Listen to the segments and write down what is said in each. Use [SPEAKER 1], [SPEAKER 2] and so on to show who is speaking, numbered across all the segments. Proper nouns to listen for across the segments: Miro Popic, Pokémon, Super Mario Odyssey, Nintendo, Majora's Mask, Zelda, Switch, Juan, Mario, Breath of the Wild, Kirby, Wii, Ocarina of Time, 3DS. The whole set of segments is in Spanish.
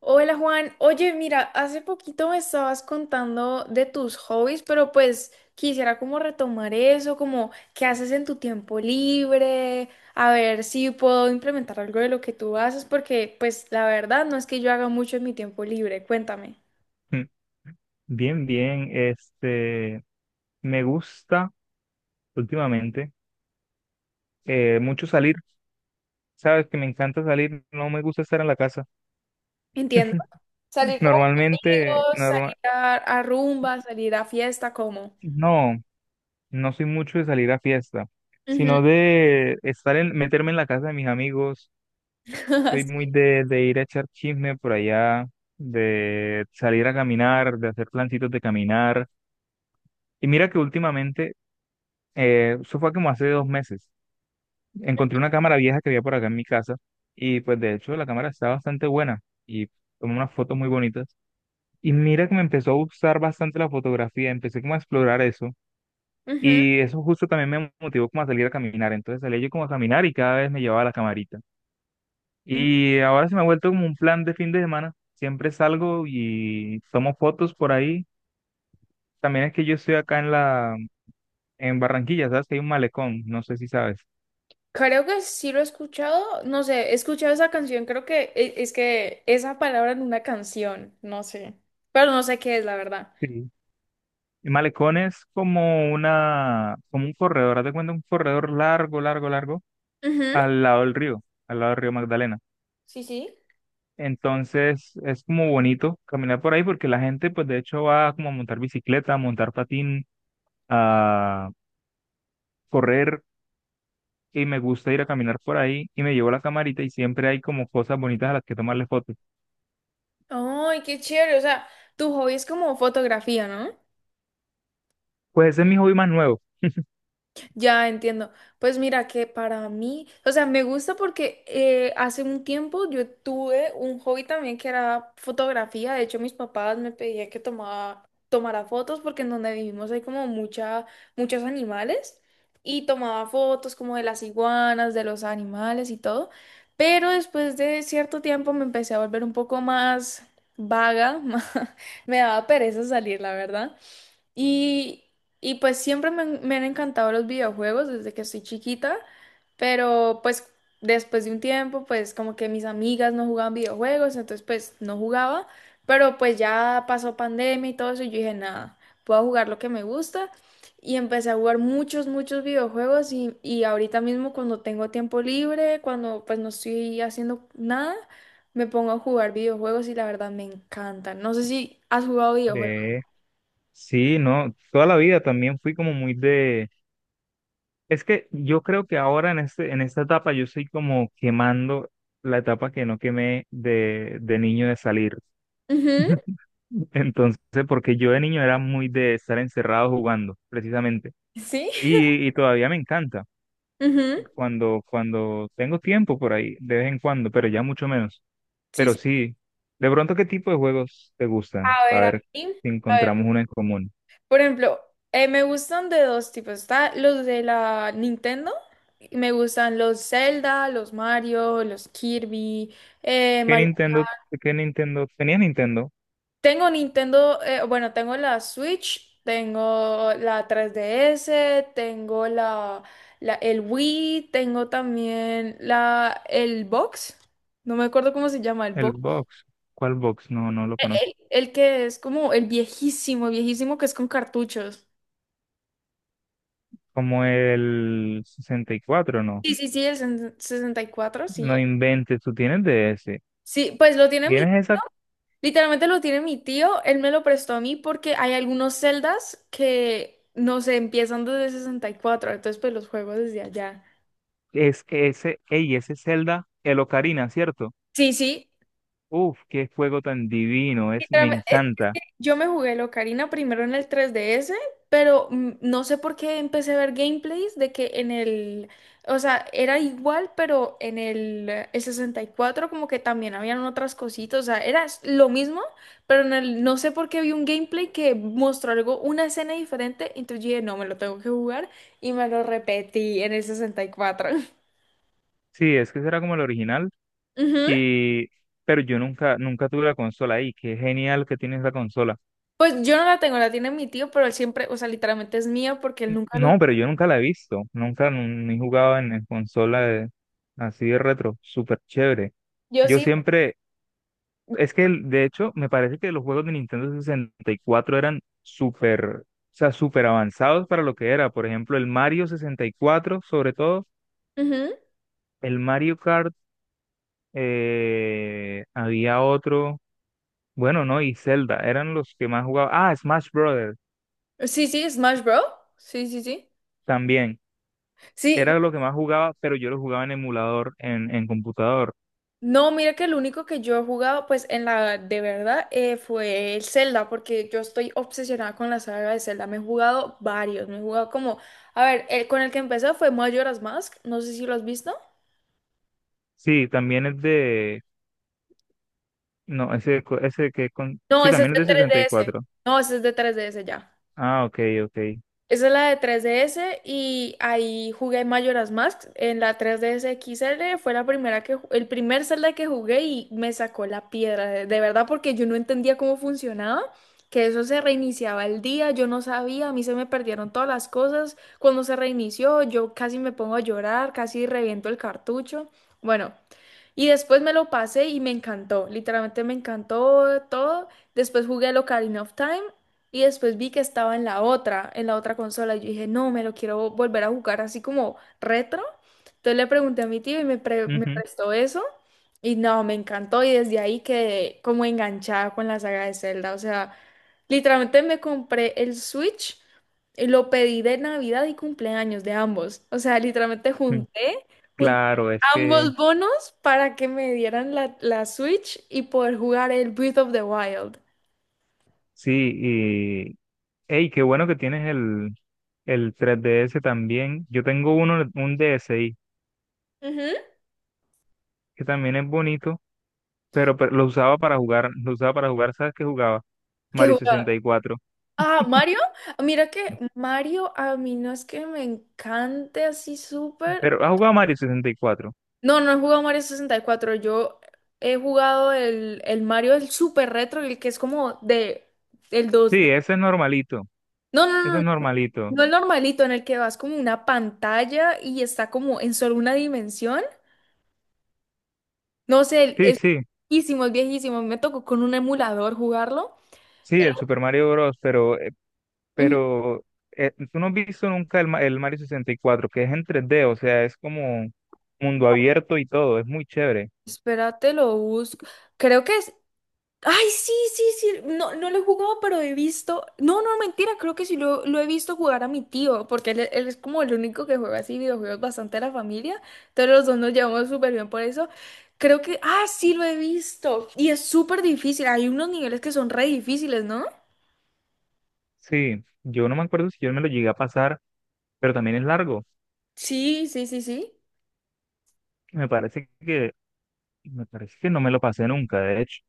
[SPEAKER 1] Hola Juan, oye, mira, hace poquito me estabas contando de tus hobbies, pero pues quisiera como retomar eso, como qué haces en tu tiempo libre, a ver si puedo implementar algo de lo que tú haces, porque pues la verdad no es que yo haga mucho en mi tiempo libre, cuéntame.
[SPEAKER 2] Mm. Bien, bien. Me gusta últimamente mucho salir. Sabes que me encanta salir, no me gusta estar en la casa.
[SPEAKER 1] Entiendo. Salir como con
[SPEAKER 2] Normalmente,
[SPEAKER 1] amigos,
[SPEAKER 2] norma-
[SPEAKER 1] salir a rumba, salir a fiesta, ¿cómo?
[SPEAKER 2] no, no soy mucho de salir a fiesta,
[SPEAKER 1] Ujú,
[SPEAKER 2] sino de estar meterme en la casa de mis amigos. Soy muy
[SPEAKER 1] así.
[SPEAKER 2] de ir a echar chisme por allá, de salir a caminar, de hacer plancitos de caminar. Y mira que últimamente, eso fue como hace 2 meses. Encontré una cámara vieja que había por acá en mi casa, y pues de hecho la cámara está bastante buena, y tomé unas fotos muy bonitas. Y mira que me empezó a gustar bastante la fotografía, empecé como a explorar eso,
[SPEAKER 1] Ujú,
[SPEAKER 2] y eso justo también me motivó como a salir a caminar. Entonces salía yo como a caminar y cada vez me llevaba la camarita.
[SPEAKER 1] ujú.
[SPEAKER 2] Y ahora se me ha vuelto como un plan de fin de semana. Siempre salgo y tomo fotos por ahí. También es que yo estoy acá en Barranquilla, ¿sabes? Que hay un malecón, no sé si sabes.
[SPEAKER 1] Creo que sí lo he escuchado, no sé, he escuchado esa canción, creo que es que esa palabra en una canción, no sé, pero no sé qué es, la verdad.
[SPEAKER 2] Sí, el malecón es como como un corredor, haz de cuenta un corredor largo, largo, largo,
[SPEAKER 1] Ujú,
[SPEAKER 2] al lado del río, al lado del río Magdalena.
[SPEAKER 1] sí, sí.
[SPEAKER 2] Entonces es como bonito caminar por ahí porque la gente pues de hecho va como a montar bicicleta, a montar patín, a correr, y me gusta ir a caminar por ahí y me llevo la camarita y siempre hay como cosas bonitas a las que tomarle fotos.
[SPEAKER 1] Ay, qué chévere, o sea, tu hobby es como fotografía, ¿no?
[SPEAKER 2] Pues ese es mi hobby más nuevo.
[SPEAKER 1] Ya entiendo. Pues mira que para mí, o sea, me gusta porque hace un tiempo yo tuve un hobby también que era fotografía. De hecho, mis papás me pedían que tomara fotos porque en donde vivimos hay como muchos animales y tomaba fotos como de las iguanas, de los animales y todo. Pero después de cierto tiempo me empecé a volver un poco más vaga. Me daba pereza salir, la verdad. Y, y pues siempre me han encantado los videojuegos desde que soy chiquita, pero pues después de un tiempo, pues como que mis amigas no jugaban videojuegos, entonces pues no jugaba, pero pues ya pasó pandemia y todo eso y yo dije, nada, puedo jugar lo que me gusta y empecé a jugar muchos, muchos videojuegos y ahorita mismo cuando tengo tiempo libre, cuando pues no estoy haciendo nada, me pongo a jugar videojuegos y la verdad me encantan. No sé si has jugado videojuegos.
[SPEAKER 2] De... Sí, no, toda la vida también fui como muy de. Es que yo creo que ahora en en esta etapa yo estoy como quemando la etapa que no quemé de niño de salir.
[SPEAKER 1] Ujú.
[SPEAKER 2] Entonces, porque yo de niño era muy de estar encerrado jugando, precisamente.
[SPEAKER 1] ¿Sí?
[SPEAKER 2] Y todavía me encanta
[SPEAKER 1] Ujú.
[SPEAKER 2] cuando tengo tiempo por ahí, de vez en cuando, pero ya mucho menos.
[SPEAKER 1] Sí,
[SPEAKER 2] Pero
[SPEAKER 1] sí.
[SPEAKER 2] sí, de pronto, ¿qué tipo de juegos te gustan?
[SPEAKER 1] A
[SPEAKER 2] Para
[SPEAKER 1] ver, a
[SPEAKER 2] ver
[SPEAKER 1] mí,
[SPEAKER 2] si
[SPEAKER 1] a ver,
[SPEAKER 2] encontramos uno en común.
[SPEAKER 1] por ejemplo, me gustan de dos tipos. Está los de la Nintendo, y me gustan los Zelda, los Mario, los Kirby,
[SPEAKER 2] ¿Qué
[SPEAKER 1] Mario.
[SPEAKER 2] Nintendo, ¿qué Nintendo? Tenía Nintendo,
[SPEAKER 1] Tengo Nintendo, bueno, tengo la Switch, tengo la 3DS, tengo la, el Wii, tengo también la el Box. No me acuerdo cómo se llama el
[SPEAKER 2] el
[SPEAKER 1] box.
[SPEAKER 2] Box. ¿Cuál Box? No, no lo
[SPEAKER 1] El,
[SPEAKER 2] conozco.
[SPEAKER 1] el que es como el viejísimo, viejísimo que es con cartuchos.
[SPEAKER 2] Como el 64, ¿no?
[SPEAKER 1] Sí, sí, sí, el 64 sí.
[SPEAKER 2] No inventes, tú tienes de ese.
[SPEAKER 1] Sí, pues lo tiene mi
[SPEAKER 2] Tienes
[SPEAKER 1] tío.
[SPEAKER 2] esa,
[SPEAKER 1] Literalmente lo tiene mi tío. Él me lo prestó a mí porque hay algunos celdas que no se empiezan desde 64. Entonces, pues los juego desde allá.
[SPEAKER 2] es ese, ey, ese Zelda, el Ocarina, ¿cierto?
[SPEAKER 1] Sí, sí.
[SPEAKER 2] Uf, qué juego tan divino, es, me
[SPEAKER 1] Literalmente.
[SPEAKER 2] encanta.
[SPEAKER 1] Yo me jugué el Ocarina primero en el 3DS, pero no sé por qué empecé a ver gameplays de que en el, o sea, era igual, pero en el 64 como que también habían otras cositas, o sea, era lo mismo, pero en el, no sé por qué vi un gameplay que mostró algo, una escena diferente, entonces yo dije, no, me lo tengo que jugar y me lo repetí en el 64.
[SPEAKER 2] Sí, es que será como el original
[SPEAKER 1] Ujú.
[SPEAKER 2] y, pero yo nunca, nunca tuve la consola ahí, qué genial que tienes la consola.
[SPEAKER 1] Pues yo no la tengo, la tiene mi tío, pero él siempre, o sea, literalmente es mía porque él nunca lo...
[SPEAKER 2] No, pero yo nunca la he visto, nunca no, ni he jugado en consola de- así de retro, súper chévere.
[SPEAKER 1] Yo
[SPEAKER 2] Yo
[SPEAKER 1] sí.
[SPEAKER 2] siempre. Es que el- de hecho me parece que los juegos de Nintendo 64 eran súper, o sea, súper avanzados para lo que era. Por ejemplo, el Mario 64, sobre todo,
[SPEAKER 1] Ujú.
[SPEAKER 2] el Mario Kart, había otro, bueno, no, y Zelda, eran los que más jugaba. Ah, Smash Brothers
[SPEAKER 1] Sí, sí, Smash Bros. Sí, sí, sí.
[SPEAKER 2] también,
[SPEAKER 1] Sí,
[SPEAKER 2] era lo que más jugaba, pero yo lo jugaba en emulador, en computador.
[SPEAKER 1] no, mira que el único que yo he jugado, pues en la de verdad, fue el Zelda, porque yo estoy obsesionada con la saga de Zelda. Me he jugado varios, me he jugado como, a ver, el con el que empecé fue Majora's Mask, no sé si lo has visto.
[SPEAKER 2] Sí, también es de, no, ese,
[SPEAKER 1] No,
[SPEAKER 2] sí,
[SPEAKER 1] ese es
[SPEAKER 2] también es
[SPEAKER 1] de
[SPEAKER 2] de
[SPEAKER 1] 3DS.
[SPEAKER 2] 64.
[SPEAKER 1] No, ese es de 3DS ya.
[SPEAKER 2] Ah, ok, ok.
[SPEAKER 1] Esa es la de 3DS y ahí jugué Majora's Mask. En la 3DS X XL fue la primera que, el primer Zelda que jugué y me sacó la piedra, de verdad, porque yo no entendía cómo funcionaba, que eso se reiniciaba el día, yo no sabía, a mí se me perdieron todas las cosas. Cuando se reinició, yo casi me pongo a llorar, casi reviento el cartucho. Bueno. Y después me lo pasé y me encantó, literalmente me encantó todo. Después jugué el Ocarina of Time y después vi que estaba en la otra, consola. Y yo dije, no, me lo quiero volver a jugar así como retro. Entonces le pregunté a mi tío y me
[SPEAKER 2] Ujú,
[SPEAKER 1] prestó eso. Y no, me encantó y desde ahí quedé como enganchada con la saga de Zelda. O sea, literalmente me compré el Switch, y lo pedí de Navidad y cumpleaños de ambos. O sea, literalmente
[SPEAKER 2] ujú.
[SPEAKER 1] junté
[SPEAKER 2] Claro, es que
[SPEAKER 1] ambos bonos para que me dieran la, Switch y poder jugar el Breath of the Wild.
[SPEAKER 2] sí, y hey, qué bueno que tienes el 3DS también. Yo tengo uno, un DSi
[SPEAKER 1] Ujú.
[SPEAKER 2] que también es bonito, pero lo usaba para jugar, lo usaba para jugar, ¿sabes qué jugaba?
[SPEAKER 1] ¿Qué
[SPEAKER 2] Mario
[SPEAKER 1] jugaba?
[SPEAKER 2] sesenta y cuatro
[SPEAKER 1] Ah, Mario. Mira que Mario a mí no es que me encante así súper.
[SPEAKER 2] Pero, ¿has jugado Mario 64?
[SPEAKER 1] No, no he jugado Mario 64. Yo he jugado el Mario el súper retro, el que es como de el
[SPEAKER 2] Sí,
[SPEAKER 1] 2D.
[SPEAKER 2] ese es normalito,
[SPEAKER 1] No,
[SPEAKER 2] ese
[SPEAKER 1] no, no,
[SPEAKER 2] es
[SPEAKER 1] no,
[SPEAKER 2] normalito.
[SPEAKER 1] no el normalito en el que vas como una pantalla y está como en solo una dimensión. No sé,
[SPEAKER 2] Sí,
[SPEAKER 1] es
[SPEAKER 2] sí,
[SPEAKER 1] viejísimo, es viejísimo. Me tocó con un emulador jugarlo.
[SPEAKER 2] sí,
[SPEAKER 1] Era-
[SPEAKER 2] el Super Mario Bros., pero, eh,
[SPEAKER 1] Ujú.
[SPEAKER 2] pero eh, tú no has visto nunca el Mario 64 que es en 3D, o sea, es como mundo abierto y todo, es muy chévere.
[SPEAKER 1] Espérate, lo busco. Creo que es. Ay, sí, sí, sí. No, no lo he jugado, pero he visto. No, no, mentira. Creo que sí lo he visto jugar a mi tío, porque él es como el único que juega así videojuegos bastante a la familia. Entonces los dos nos llevamos súper bien por eso. Creo que. Ah, sí, lo he visto. Y es súper difícil. Hay unos niveles que son re difíciles, ¿no?
[SPEAKER 2] Sí, yo no me acuerdo si yo me lo llegué a pasar, pero también es largo.
[SPEAKER 1] Sí, sí, sí, sí.
[SPEAKER 2] Me parece que, me parece que no me lo pasé nunca, de hecho,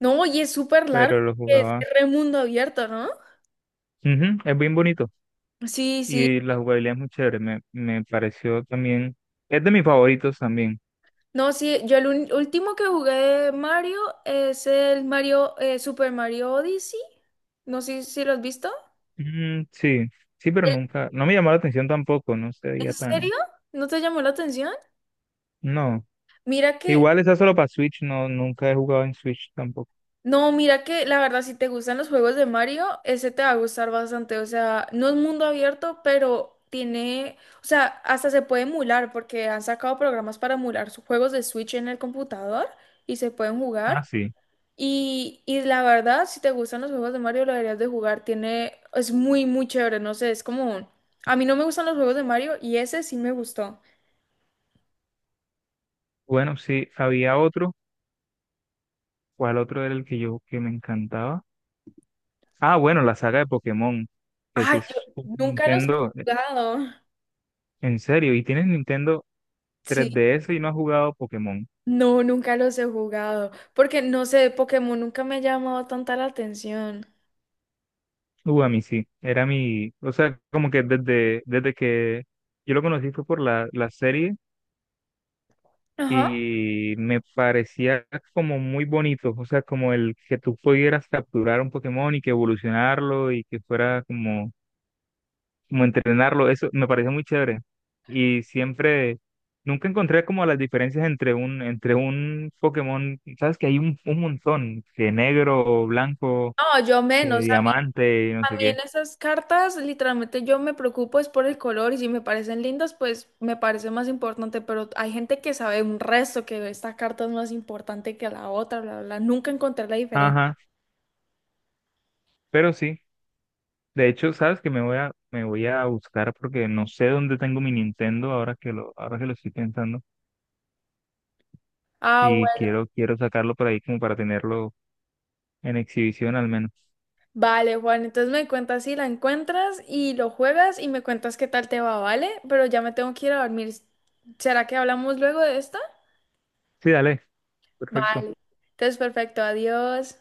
[SPEAKER 1] No, y es súper largo.
[SPEAKER 2] pero lo
[SPEAKER 1] Es
[SPEAKER 2] jugaba.
[SPEAKER 1] re mundo abierto, ¿no?
[SPEAKER 2] Ujú, es bien bonito
[SPEAKER 1] Sí, sí.
[SPEAKER 2] y la jugabilidad es muy chévere. Me pareció también, es de mis favoritos también.
[SPEAKER 1] No, sí, yo el último que jugué de Mario es el Mario, Super Mario Odyssey. No sé si lo has visto.
[SPEAKER 2] Mm, sí, sí, pero nunca, no me llamó la atención tampoco, no se
[SPEAKER 1] ¿En
[SPEAKER 2] veía tan,
[SPEAKER 1] serio? ¿No te llamó la atención?
[SPEAKER 2] no.
[SPEAKER 1] Mira que,
[SPEAKER 2] Igual esa solo para Switch, no, nunca he jugado en Switch tampoco.
[SPEAKER 1] no, mira que la verdad, si te gustan los juegos de Mario, ese te va a gustar bastante. O sea, no es mundo abierto, pero tiene, o sea, hasta se puede emular porque han sacado programas para emular sus juegos de Switch en el computador y se pueden
[SPEAKER 2] Ah,
[SPEAKER 1] jugar.
[SPEAKER 2] sí.
[SPEAKER 1] Y la verdad, si te gustan los juegos de Mario, lo deberías de jugar. Tiene, es muy, muy chévere. No sé, es como A mí no me gustan los juegos de Mario y ese sí me gustó.
[SPEAKER 2] Bueno, sí, había otro, ¿cuál otro era el que yo que me encantaba? Ah, bueno, la saga de Pokémon, que
[SPEAKER 1] Ay,
[SPEAKER 2] si
[SPEAKER 1] yo
[SPEAKER 2] es un
[SPEAKER 1] nunca los he
[SPEAKER 2] Nintendo,
[SPEAKER 1] jugado.
[SPEAKER 2] en serio, y tienes Nintendo
[SPEAKER 1] Sí.
[SPEAKER 2] 3DS y no has jugado Pokémon.
[SPEAKER 1] No, nunca los he jugado. Porque no sé, Pokémon nunca me ha llamado tanta la atención.
[SPEAKER 2] A mí sí, era mi, o sea, como que desde que yo lo conocí fue por la serie
[SPEAKER 1] Ajá.
[SPEAKER 2] y me parecía como muy bonito, o sea, como el que tú pudieras capturar un Pokémon y que evolucionarlo y que fuera como como entrenarlo, eso me parece muy chévere. Y siempre, nunca encontré como las diferencias entre entre un Pokémon, sabes que hay un montón, que negro, blanco,
[SPEAKER 1] No, yo
[SPEAKER 2] que
[SPEAKER 1] menos.
[SPEAKER 2] diamante, y no
[SPEAKER 1] A
[SPEAKER 2] sé
[SPEAKER 1] mí
[SPEAKER 2] qué.
[SPEAKER 1] en esas cartas, literalmente yo me preocupo es por el color y si me parecen lindas, pues me parece más importante, pero hay gente que sabe un resto que esta carta es más importante que la otra, bla, bla, bla. Nunca encontré la diferencia.
[SPEAKER 2] Ajá, pero sí, de hecho, sabes que me voy me voy a buscar porque no sé dónde tengo mi Nintendo ahora que ahora que lo estoy pensando.
[SPEAKER 1] Ah,
[SPEAKER 2] Y
[SPEAKER 1] bueno,
[SPEAKER 2] quiero, quiero sacarlo por ahí como para tenerlo en exhibición al menos.
[SPEAKER 1] vale, Juan, entonces me cuentas si la encuentras y lo juegas y me cuentas qué tal te va, ¿vale? Pero ya me tengo que ir a dormir. ¿Será que hablamos luego de esta?
[SPEAKER 2] Sí, dale, perfecto.
[SPEAKER 1] Vale. Entonces, perfecto, adiós.